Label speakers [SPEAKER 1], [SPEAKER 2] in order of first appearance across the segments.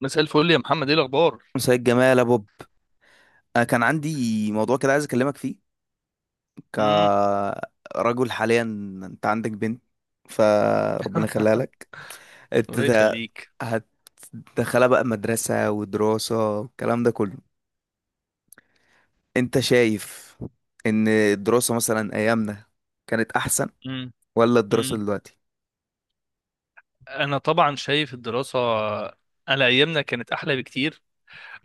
[SPEAKER 1] مساء الفل يا محمد، ايه الاخبار؟
[SPEAKER 2] سيد جمال يا بوب. انا كان عندي موضوع كده عايز اكلمك فيه
[SPEAKER 1] امم.
[SPEAKER 2] كرجل حاليا. انت عندك بنت، فربنا يخليها لك. انت
[SPEAKER 1] الله
[SPEAKER 2] ت-
[SPEAKER 1] يخليك.
[SPEAKER 2] هتدخلها بقى مدرسة ودراسة والكلام ده كله. انت شايف ان الدراسة مثلا ايامنا كانت احسن
[SPEAKER 1] امم.
[SPEAKER 2] ولا الدراسة
[SPEAKER 1] امم.
[SPEAKER 2] دلوقتي؟
[SPEAKER 1] انا طبعا شايف الدراسه على ايامنا كانت احلى بكتير،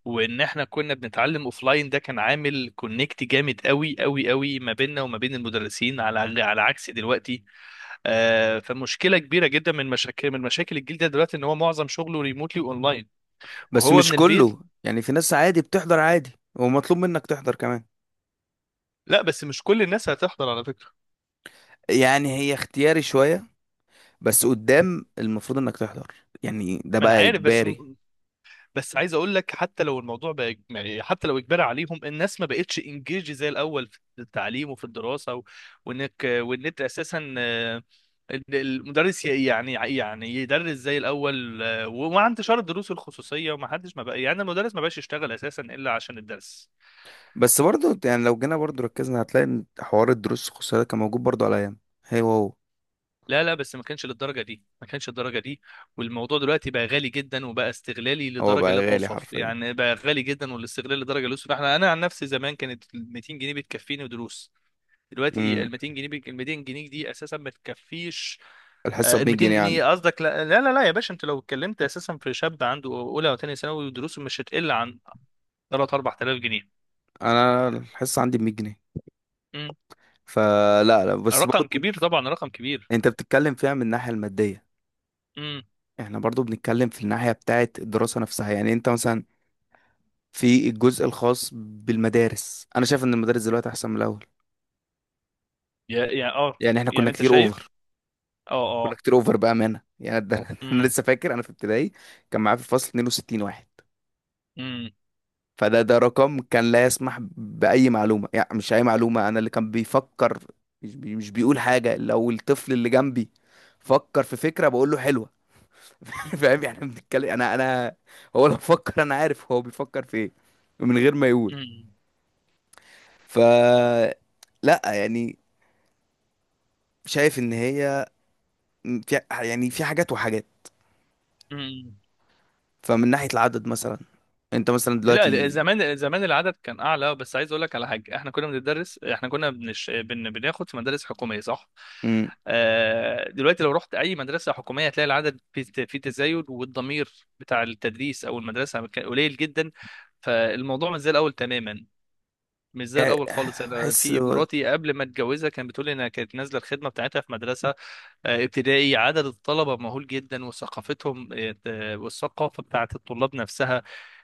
[SPEAKER 1] وان احنا كنا بنتعلم اوفلاين ده كان عامل كونكت جامد قوي قوي قوي ما بيننا وما بين المدرسين، على عكس دلوقتي. فمشكله كبيره جدا من مشاكل الجيل ده دلوقتي ان هو معظم شغله ريموتلي اونلاين
[SPEAKER 2] بس
[SPEAKER 1] وهو
[SPEAKER 2] مش
[SPEAKER 1] من البيت.
[SPEAKER 2] كله، يعني في ناس عادي بتحضر عادي ومطلوب منك تحضر كمان.
[SPEAKER 1] لا، بس مش كل الناس هتحضر على فكره.
[SPEAKER 2] يعني هي اختياري شوية بس قدام المفروض انك تحضر، يعني ده
[SPEAKER 1] ما انا
[SPEAKER 2] بقى
[SPEAKER 1] عارف،
[SPEAKER 2] اجباري.
[SPEAKER 1] بس عايز اقول لك حتى لو الموضوع بقى يعني حتى لو اجبار عليهم، الناس ما بقتش انجيج زي الاول في التعليم وفي الدراسه وان انت اساسا، إن المدرس يعني يدرس زي الاول. ومع انتشار الدروس الخصوصيه وما حدش، ما بقى يعني المدرس ما بقاش يشتغل اساسا الا عشان الدرس.
[SPEAKER 2] بس برضو يعني لو جينا برضو ركزنا هتلاقي ان حوار الدروس الخصوصية ده كان موجود برضو على ايام. هو
[SPEAKER 1] لا لا، بس ما كانش للدرجه دي، ما كانش الدرجه دي. والموضوع دلوقتي بقى غالي جدا وبقى استغلالي
[SPEAKER 2] هو
[SPEAKER 1] لدرجه
[SPEAKER 2] بقى
[SPEAKER 1] لا
[SPEAKER 2] غالي
[SPEAKER 1] توصف،
[SPEAKER 2] حرفيا.
[SPEAKER 1] يعني بقى غالي جدا والاستغلال لدرجه لا توصف. انا عن نفسي زمان كانت 200 جنيه بتكفيني دروس. دلوقتي
[SPEAKER 2] امم.
[SPEAKER 1] ال 200 جنيه ال 200 جنيه دي اساسا ما تكفيش.
[SPEAKER 2] الحصة
[SPEAKER 1] آه،
[SPEAKER 2] ب
[SPEAKER 1] ال
[SPEAKER 2] 100
[SPEAKER 1] 200
[SPEAKER 2] جنيه
[SPEAKER 1] جنيه
[SPEAKER 2] عندي.
[SPEAKER 1] قصدك؟ لا لا لا لا يا باشا، انت لو اتكلمت اساسا في شاب عنده اولى وثانيه ثانوي، ودروسه مش هتقل عن 3 4000 جنيه.
[SPEAKER 2] انا الحصة عندي ب 100 جنيه.
[SPEAKER 1] مم.
[SPEAKER 2] فلا لا، بس
[SPEAKER 1] رقم
[SPEAKER 2] برضو
[SPEAKER 1] كبير طبعا، رقم كبير.
[SPEAKER 2] انت بتتكلم فيها من الناحية المادية،
[SPEAKER 1] امم.
[SPEAKER 2] احنا برضو بنتكلم في الناحية بتاعة الدراسة نفسها. يعني انت مثلا في الجزء الخاص بالمدارس انا شايف ان المدارس دلوقتي احسن من الاول.
[SPEAKER 1] يا يعني اه.
[SPEAKER 2] يعني احنا كنا
[SPEAKER 1] يعني انت
[SPEAKER 2] كتير
[SPEAKER 1] شايف.
[SPEAKER 2] اوفر
[SPEAKER 1] اه.
[SPEAKER 2] كنا
[SPEAKER 1] اه.
[SPEAKER 2] كتير اوفر بأمانة. يعني ده انا
[SPEAKER 1] امم.
[SPEAKER 2] لسه فاكر انا في ابتدائي كان معايا في الفصل 62 واحد.
[SPEAKER 1] امم.
[SPEAKER 2] فده رقم كان لا يسمح بأي معلومة، يعني مش أي معلومة. أنا اللي كان بيفكر مش بيقول حاجة، لو الطفل اللي جنبي فكر في فكرة بقول له حلوة فاهم يعني؟ بنتكلم أنا هو لو فكر أنا عارف هو بيفكر في إيه من غير ما يقول. ف لا يعني، شايف إن هي، في يعني في حاجات وحاجات.
[SPEAKER 1] امم.
[SPEAKER 2] فمن ناحية العدد مثلا أنت مثلا
[SPEAKER 1] لا،
[SPEAKER 2] دلوقتي،
[SPEAKER 1] زمان زمان العدد كان اعلى، بس عايز اقول لك على حاجه: احنا كنا بندرس، احنا كنا بناخد في مدارس حكوميه، صح.
[SPEAKER 2] مم،
[SPEAKER 1] دلوقتي لو رحت اي مدرسه حكوميه هتلاقي العدد في تزايد، والضمير بتاع التدريس او المدرسه كان قليل جدا. فالموضوع مش زي الاول تماما، مش زي
[SPEAKER 2] يعني
[SPEAKER 1] الاول خالص. انا
[SPEAKER 2] بحس
[SPEAKER 1] في مراتي قبل ما اتجوزها كانت بتقول لي انها كانت نازله الخدمه بتاعتها في مدرسه، ابتدائي، عدد الطلبة مهول جدا، وثقافتهم، والثقافة بتاعت الطلاب نفسها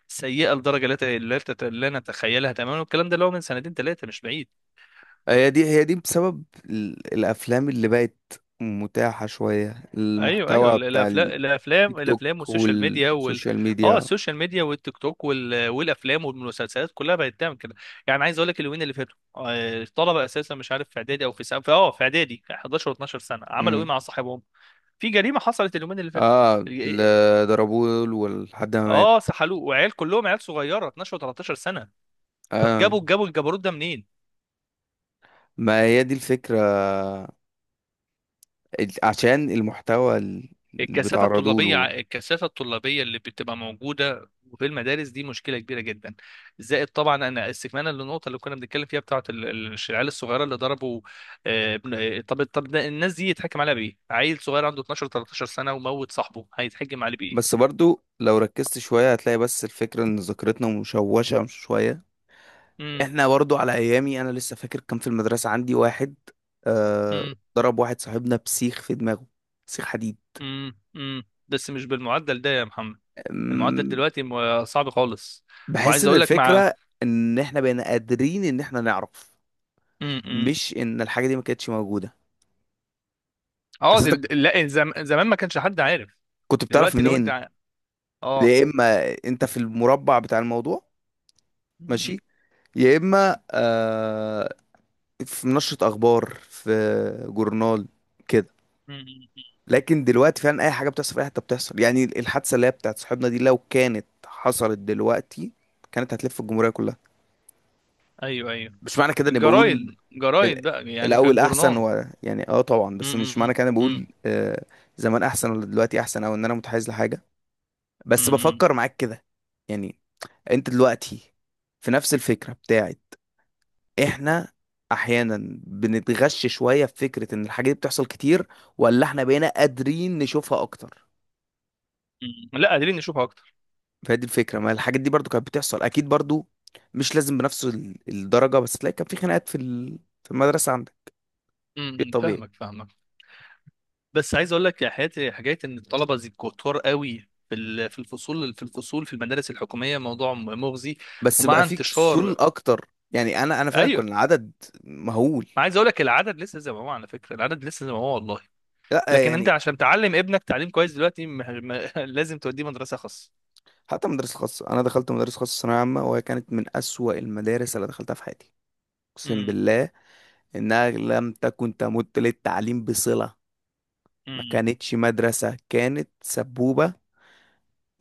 [SPEAKER 1] سيئة لدرجة لا نتخيلها تماما. والكلام ده اللي هو من سنتين ثلاثة، مش بعيد.
[SPEAKER 2] هي دي بسبب الافلام اللي بقت متاحة شوية،
[SPEAKER 1] ايوه ايوه،
[SPEAKER 2] المحتوى بتاع
[SPEAKER 1] الافلام
[SPEAKER 2] التيك
[SPEAKER 1] الافلام الافلام
[SPEAKER 2] توك
[SPEAKER 1] والسوشيال ميديا وال
[SPEAKER 2] والسوشيال
[SPEAKER 1] اه
[SPEAKER 2] ميديا.
[SPEAKER 1] السوشيال ميديا والتيك توك والافلام والمسلسلات كلها بقت تعمل كده. يعني عايز اقول لك اليومين اللي فاتوا، الطلبة اساسا، مش عارف، في اعدادي او في سنة، في اعدادي، 11 و12 سنة، عملوا ايه
[SPEAKER 2] امم.
[SPEAKER 1] مع صاحبهم؟ في جريمة حصلت اليومين اللي فاتوا.
[SPEAKER 2] اه، ضربوه ولحد ما مات.
[SPEAKER 1] اه، سحلوه. وعيال كلهم عيال صغيره، 12 و13 سنه. طب
[SPEAKER 2] اه،
[SPEAKER 1] جابوا الجبروت ده منين؟
[SPEAKER 2] ما هي دي الفكرة، عشان المحتوى اللي
[SPEAKER 1] الكثافه
[SPEAKER 2] بيتعرضوا
[SPEAKER 1] الطلابيه
[SPEAKER 2] له.
[SPEAKER 1] الكثافه الطلابيه اللي بتبقى موجوده في المدارس دي مشكله كبيره جدا. زائد طبعا، انا استكمالا للنقطه اللي كنا بنتكلم فيها بتاعه العيال الصغيره اللي ضربوا، طب ده الناس دي يتحكم عليها بايه؟ عيل صغير عنده 12 13 سنه وموت صاحبه، هيتحكم عليه
[SPEAKER 2] بس
[SPEAKER 1] بايه؟
[SPEAKER 2] برضو لو ركزت شوية هتلاقي بس الفكرة ان ذاكرتنا مشوشة شوية.
[SPEAKER 1] امم.
[SPEAKER 2] احنا برضو على ايامي انا لسه فاكر كان في المدرسه عندي واحد، آه،
[SPEAKER 1] امم.
[SPEAKER 2] ضرب واحد صاحبنا بسيخ في دماغه، سيخ حديد.
[SPEAKER 1] امم. امم، بس مش بالمعدل ده يا محمد، المعدل
[SPEAKER 2] أم،
[SPEAKER 1] دلوقتي صعب خالص.
[SPEAKER 2] بحس
[SPEAKER 1] وعايز
[SPEAKER 2] ان
[SPEAKER 1] اقول لك مع
[SPEAKER 2] الفكره ان احنا بقينا قادرين ان احنا نعرف،
[SPEAKER 1] م- م.
[SPEAKER 2] مش ان الحاجه دي ما كانتش موجوده.
[SPEAKER 1] اه
[SPEAKER 2] بس انت
[SPEAKER 1] لا، زمان ما كانش حد عارف.
[SPEAKER 2] كنت بتعرف
[SPEAKER 1] دلوقتي لو انت
[SPEAKER 2] منين؟
[SPEAKER 1] اه
[SPEAKER 2] يا اما انت في المربع بتاع الموضوع،
[SPEAKER 1] م-
[SPEAKER 2] ماشي، يا اما آه في نشره اخبار، في جورنال كده.
[SPEAKER 1] م- م-
[SPEAKER 2] لكن دلوقتي فعلا اي حاجه بتحصل في اي حته بتحصل، يعني الحادثه اللي هي بتاعت صاحبنا دي لو كانت حصلت دلوقتي كانت هتلف الجمهوريه كلها.
[SPEAKER 1] ايوه ايوه،
[SPEAKER 2] مش معنى كده اني بقول
[SPEAKER 1] الجرايد
[SPEAKER 2] ال-
[SPEAKER 1] جرايد بقى، يعني في
[SPEAKER 2] الاول احسن
[SPEAKER 1] الجورنان.
[SPEAKER 2] و يعني اه طبعا،
[SPEAKER 1] م-
[SPEAKER 2] بس
[SPEAKER 1] م-
[SPEAKER 2] مش
[SPEAKER 1] م-
[SPEAKER 2] معنى كده اني بقول
[SPEAKER 1] م-
[SPEAKER 2] آه زمان احسن ولا دلوقتي احسن، او ان انا متحيز لحاجه،
[SPEAKER 1] م-
[SPEAKER 2] بس
[SPEAKER 1] م-
[SPEAKER 2] بفكر معاك كده. يعني انت دلوقتي في نفس الفكره بتاعت احنا احيانا بنتغش شويه في فكره ان الحاجه دي بتحصل كتير، ولا احنا بقينا قادرين نشوفها اكتر؟
[SPEAKER 1] م. لا، قادرين نشوفها اكتر.
[SPEAKER 2] فهي دي الفكره، ما الحاجات دي برضو كانت بتحصل اكيد برضو، مش لازم بنفس الدرجه، بس تلاقي كان في خناقات في في المدرسه عندك، شيء
[SPEAKER 1] م- م.
[SPEAKER 2] طبيعي.
[SPEAKER 1] فاهمك فاهمك، بس عايز اقول لك يا حياتي: حكايه ان الطلبه زي كتار قوي في في الفصول في المدارس الحكوميه موضوع مغزي.
[SPEAKER 2] بس بقى
[SPEAKER 1] ومع
[SPEAKER 2] في كسول
[SPEAKER 1] انتشار
[SPEAKER 2] اكتر، يعني انا فعلا
[SPEAKER 1] ايوه.
[SPEAKER 2] كنا عدد مهول.
[SPEAKER 1] ما عايز اقول لك العدد لسه زي ما هو على فكره، العدد لسه زي ما هو والله.
[SPEAKER 2] لا
[SPEAKER 1] لكن انت
[SPEAKER 2] يعني
[SPEAKER 1] عشان تعلم ابنك تعليم كويس دلوقتي لازم توديه مدرسه خاص.
[SPEAKER 2] حتى مدرسه خاصه، انا دخلت مدرسه خاصه ثانويه عامه وهي كانت من اسوأ المدارس اللي دخلتها في حياتي. اقسم
[SPEAKER 1] امم.
[SPEAKER 2] بالله انها لم تكن تمت للتعليم بصله. ما
[SPEAKER 1] امم.
[SPEAKER 2] كانتش مدرسه، كانت سبوبه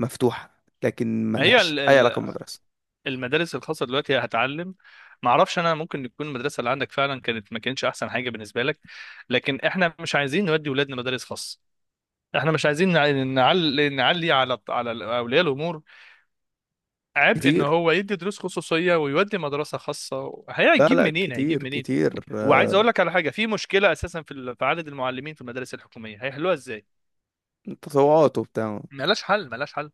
[SPEAKER 2] مفتوحه لكن
[SPEAKER 1] ما هي
[SPEAKER 2] ملهاش اي علاقه بالمدرسه.
[SPEAKER 1] المدارس الخاصه دلوقتي هتعلم؟ ما اعرفش، انا ممكن تكون المدرسه اللي عندك فعلا كانت ما كانتش احسن حاجه بالنسبه لك، لكن احنا مش عايزين نودي ولادنا مدارس خاص. احنا مش عايزين نعلي على اولياء الامور عبء ان
[SPEAKER 2] كتير،
[SPEAKER 1] هو يدي دروس خصوصيه ويودي مدرسه خاصه.
[SPEAKER 2] لا
[SPEAKER 1] هيجيب
[SPEAKER 2] لا
[SPEAKER 1] منين؟ هيجيب
[SPEAKER 2] كتير
[SPEAKER 1] منين؟
[SPEAKER 2] كتير،
[SPEAKER 1] وعايز
[SPEAKER 2] آه،
[SPEAKER 1] اقول لك على حاجه: في مشكله اساسا في في عدد المعلمين في المدارس الحكوميه، هيحلوها ازاي؟
[SPEAKER 2] تطوعات وبتاع.
[SPEAKER 1] ملهاش حل، ملهاش حل.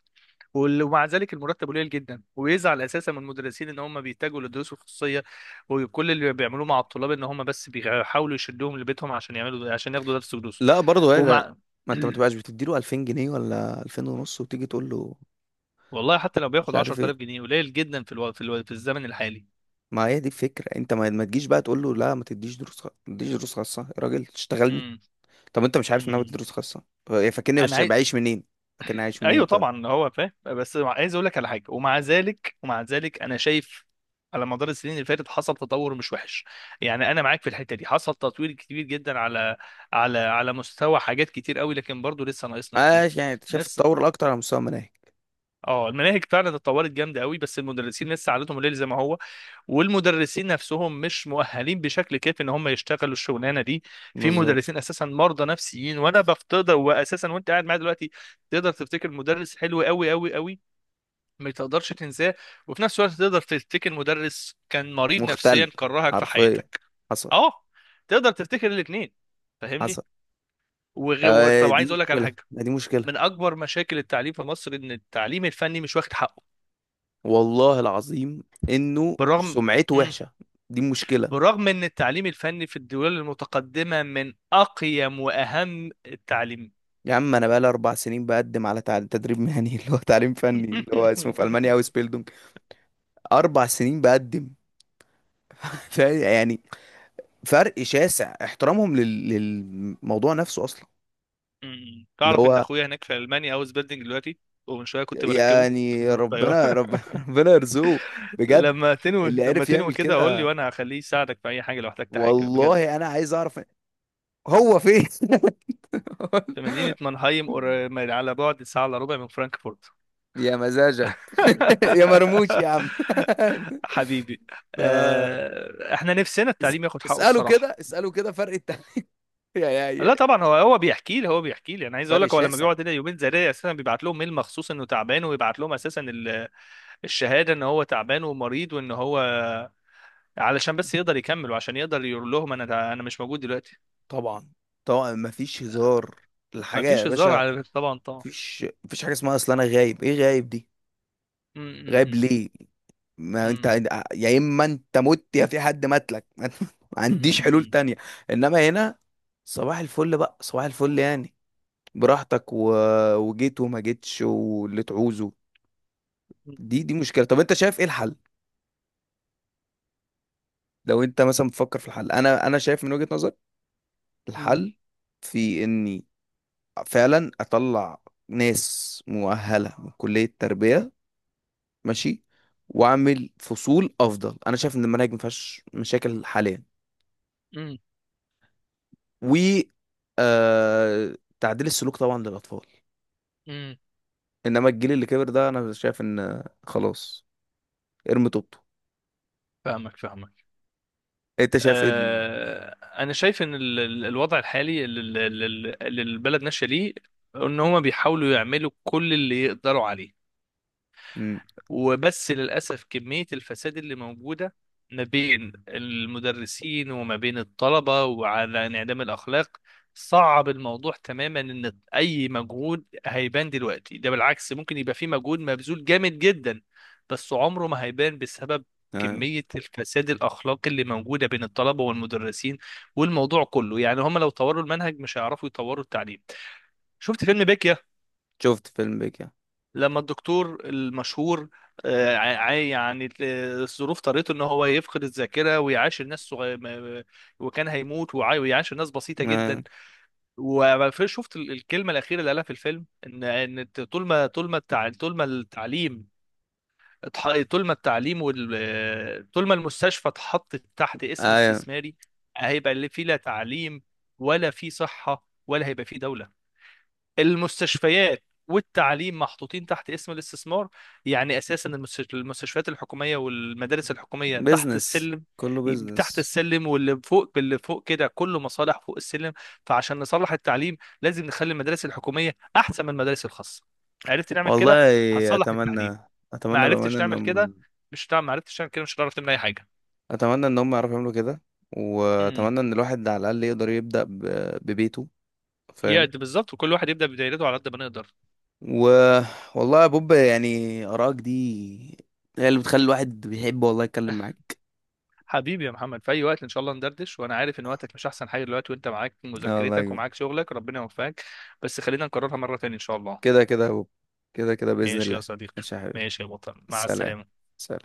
[SPEAKER 1] ومع ذلك المرتب قليل جدا، ويزعل اساسا من المدرسين ان هم بيتجهوا للدروس الخصوصيه. وكل اللي بيعملوه مع الطلاب ان هم بس بيحاولوا يشدوهم لبيتهم عشان يعملوا، عشان ياخدوا درس دروس.
[SPEAKER 2] لا، برضه هي لا.
[SPEAKER 1] ومع
[SPEAKER 2] ما انت ما تبقاش بتديله 2000 جنيه ولا 2000 ونص وتيجي تقول له
[SPEAKER 1] والله حتى لو
[SPEAKER 2] مش
[SPEAKER 1] بياخد
[SPEAKER 2] عارف ايه.
[SPEAKER 1] 10000 جنيه قليل جدا في في الزمن الحالي.
[SPEAKER 2] ما هي دي الفكره، انت ما تجيش بقى تقول له لا ما تديش دروس خاصه يا راجل، تشتغلني؟
[SPEAKER 1] امم.
[SPEAKER 2] طب انت مش عارف ان انا بدي
[SPEAKER 1] أمم.
[SPEAKER 2] دروس خاصه؟ فاكرني
[SPEAKER 1] انا عايز.
[SPEAKER 2] بعيش منين؟ فاكرني عايش منين
[SPEAKER 1] ايوه
[SPEAKER 2] طيب؟
[SPEAKER 1] طبعا هو فاهم، بس عايز اقول لك على حاجه: ومع ذلك، ومع ذلك، انا شايف على مدار السنين اللي فاتت حصل تطور مش وحش. يعني انا معاك في الحته دي، حصل تطوير كبير جدا على على مستوى حاجات كتير قوي، لكن برضه لسه ناقصنا كتير.
[SPEAKER 2] عايش يعني. انت شايف
[SPEAKER 1] لسه.
[SPEAKER 2] التطور الاكتر على مستوى المناهج.
[SPEAKER 1] اه، المناهج فعلا اتطورت جامده قوي، بس المدرسين لسه عادتهم الليل زي ما هو. والمدرسين نفسهم مش مؤهلين بشكل كافي ان هم يشتغلوا الشغلانه دي. في
[SPEAKER 2] بالظبط.
[SPEAKER 1] مدرسين اساسا مرضى نفسيين. وانا بفتضل واساسا وانت قاعد معايا دلوقتي، تقدر تفتكر مدرس حلو قوي قوي قوي ما تقدرش تنساه، وفي نفس الوقت تقدر تفتكر مدرس كان مريض
[SPEAKER 2] مختل
[SPEAKER 1] نفسيا كرهك في
[SPEAKER 2] حرفيا،
[SPEAKER 1] حياتك.
[SPEAKER 2] حصل،
[SPEAKER 1] اه، تقدر تفتكر الاثنين، فاهمني؟
[SPEAKER 2] حصل. آه،
[SPEAKER 1] طب
[SPEAKER 2] دي
[SPEAKER 1] عايز اقول لك على
[SPEAKER 2] مشكله،
[SPEAKER 1] حاجه:
[SPEAKER 2] دي مشكله.
[SPEAKER 1] من اكبر مشاكل التعليم في مصر ان التعليم الفني مش واخد حقه.
[SPEAKER 2] والله العظيم انه
[SPEAKER 1] بالرغم.
[SPEAKER 2] سمعته
[SPEAKER 1] مم.
[SPEAKER 2] وحشه. دي مشكله.
[SPEAKER 1] بالرغم ان التعليم الفني في الدول المتقدمه من اقيم واهم التعليم.
[SPEAKER 2] يا عم انا بقالي 4 سنين بقدم على تدريب مهني اللي هو تعليم فني، اللي هو اسمه في المانيا اوس بيلدونج. 4 سنين بقدم يعني فرق شاسع احترامهم للموضوع نفسه اصلا.
[SPEAKER 1] مم.
[SPEAKER 2] اللي
[SPEAKER 1] تعرف ان
[SPEAKER 2] هو
[SPEAKER 1] اخويا هناك في المانيا هاوس بيلدينج دلوقتي، ومن شويه كنت بركبه
[SPEAKER 2] يعني
[SPEAKER 1] من الطياره.
[SPEAKER 2] ربنا يرزقه بجد.
[SPEAKER 1] لما تنوي،
[SPEAKER 2] اللي
[SPEAKER 1] لما
[SPEAKER 2] عرف
[SPEAKER 1] تنوي
[SPEAKER 2] يعمل
[SPEAKER 1] كده قول لي،
[SPEAKER 2] كده،
[SPEAKER 1] وانا هخليه يساعدك في اي حاجه لو احتجت حاجه بجد.
[SPEAKER 2] والله انا عايز اعرف هو فين
[SPEAKER 1] في مدينه مانهايم، على بعد ساعه الا ربع من فرانكفورت.
[SPEAKER 2] يا مزاجك يا مرموش يا عم
[SPEAKER 1] حبيبي.
[SPEAKER 2] ف-
[SPEAKER 1] احنا نفسنا
[SPEAKER 2] اس-
[SPEAKER 1] التعليم ياخد حقه
[SPEAKER 2] اسأله
[SPEAKER 1] الصراحه.
[SPEAKER 2] كده، اسأله كده، فرق التعليم يا يا
[SPEAKER 1] لا
[SPEAKER 2] يا
[SPEAKER 1] طبعا، هو بيحكي لي، انا عايز اقول
[SPEAKER 2] فرق
[SPEAKER 1] لك: هو لما
[SPEAKER 2] شاسع.
[SPEAKER 1] بيقعد هنا يومين زي ده اساسا بيبعت لهم ميل مخصوص انه تعبان، ويبعت لهم اساسا الشهاده ان هو تعبان ومريض، وان هو علشان بس يقدر يكمل وعشان يقدر يقول لهم انا مش موجود دلوقتي.
[SPEAKER 2] طبعا طبعا، مفيش هزار
[SPEAKER 1] ما
[SPEAKER 2] الحاجة يا
[SPEAKER 1] فيش هزار
[SPEAKER 2] باشا.
[SPEAKER 1] على، طبعا، طبعا.
[SPEAKER 2] مفيش حاجة اسمها اصل انا غايب، ايه غايب دي؟
[SPEAKER 1] أمم.
[SPEAKER 2] غايب
[SPEAKER 1] أمم.
[SPEAKER 2] ليه؟ ما انت
[SPEAKER 1] أمم.
[SPEAKER 2] يا اما انت مت، يا في حد ماتلك ما عنديش حلول
[SPEAKER 1] أمم.
[SPEAKER 2] تانية. انما هنا صباح الفل بقى، صباح الفل يعني، براحتك و... وجيت وما جيتش واللي تعوزه. دي مشكلة. طب انت شايف ايه الحل؟ لو انت مثلا بتفكر في الحل انا شايف من وجهة نظر
[SPEAKER 1] أمم.
[SPEAKER 2] الحل في اني فعلا اطلع ناس مؤهلة من كلية التربية، ماشي، واعمل فصول افضل. انا شايف ان المناهج ما فيهاش مشاكل حاليا،
[SPEAKER 1] أمم.
[SPEAKER 2] و تعديل السلوك طبعا للاطفال.
[SPEAKER 1] أمم.
[SPEAKER 2] انما الجيل اللي كبر ده انا شايف ان خلاص، ارمي طوبته.
[SPEAKER 1] فاهمك فاهمك.
[SPEAKER 2] انت شايف ايه؟
[SPEAKER 1] آه، انا شايف ان الوضع الحالي اللي البلد ماشيه ليه ان هما بيحاولوا يعملوا كل اللي يقدروا عليه.
[SPEAKER 2] مم.
[SPEAKER 1] وبس للأسف كمية الفساد اللي موجودة ما بين المدرسين وما بين الطلبة، وعلى انعدام الأخلاق، صعب الموضوع تماما إن أي مجهود هيبان دلوقتي. ده بالعكس، ممكن يبقى في مجهود مبذول جامد جدا، بس عمره ما هيبان بسبب
[SPEAKER 2] آه.
[SPEAKER 1] كمية الفساد الأخلاقي اللي موجودة بين الطلبة والمدرسين. والموضوع كله يعني هم لو طوروا المنهج مش هيعرفوا يطوروا التعليم. شفت فيلم بيكيا
[SPEAKER 2] شفت فيلم بيك يعني.
[SPEAKER 1] لما الدكتور المشهور، يعني الظروف طريته ان هو يفقد الذاكره ويعاشر ناس صغير وكان هيموت ويعاشر ناس بسيطه
[SPEAKER 2] آه.
[SPEAKER 1] جدا. وشفت الكلمه الاخيره اللي قالها في الفيلم: ان طول ما طول ما التعليم طول ما التعليم وال آه، طول ما المستشفى اتحطت تحت اسم
[SPEAKER 2] آه.
[SPEAKER 1] استثماري، هيبقى اللي فيه لا تعليم، ولا فيه صحه، ولا هيبقى فيه دوله. المستشفيات والتعليم محطوطين تحت اسم الاستثمار. يعني اساسا المستشفيات الحكوميه والمدارس الحكوميه تحت
[SPEAKER 2] بيزنس،
[SPEAKER 1] السلم،
[SPEAKER 2] كله
[SPEAKER 1] تحت
[SPEAKER 2] بيزنس.
[SPEAKER 1] السلم، واللي فوق، اللي فوق كده كله مصالح فوق السلم. فعشان نصلح التعليم لازم نخلي المدارس الحكوميه احسن من المدارس الخاصه. عرفت نعمل
[SPEAKER 2] والله،
[SPEAKER 1] كده؟ هتصلح التعليم.
[SPEAKER 2] اتمنى،
[SPEAKER 1] ما
[SPEAKER 2] اتمنى
[SPEAKER 1] عرفتش
[SPEAKER 2] بامانه ان
[SPEAKER 1] تعمل
[SPEAKER 2] هم،
[SPEAKER 1] كده، مش هتعمل. ما عرفتش تعمل كده، مش هتعرف تعمل اي حاجه.
[SPEAKER 2] اتمنى ان هم يعرفوا يعملوا كده،
[SPEAKER 1] امم.
[SPEAKER 2] واتمنى ان الواحد على الاقل يقدر يبدا ببيته.
[SPEAKER 1] يا
[SPEAKER 2] فاهم.
[SPEAKER 1] ده بالظبط، وكل واحد يبدا بدايرته على قد ما نقدر.
[SPEAKER 2] و والله يا بوب، يعني ارائك دي هي اللي بتخلي الواحد بيحب والله يتكلم معاك.
[SPEAKER 1] حبيبي يا محمد، في اي وقت ان شاء الله ندردش. وانا عارف ان وقتك مش احسن حاجه دلوقتي، وانت معاك
[SPEAKER 2] اه والله
[SPEAKER 1] مذاكرتك ومعاك شغلك، ربنا يوفقك. بس خلينا نكررها مره تانية ان شاء الله.
[SPEAKER 2] كده كده يا بوب، كده كده باذن
[SPEAKER 1] ماشي يا
[SPEAKER 2] الله.
[SPEAKER 1] صديقي.
[SPEAKER 2] ماشي يا حبيبي.
[SPEAKER 1] ماشي يا بطل، مع
[SPEAKER 2] سلام،
[SPEAKER 1] السلامه.
[SPEAKER 2] سلام.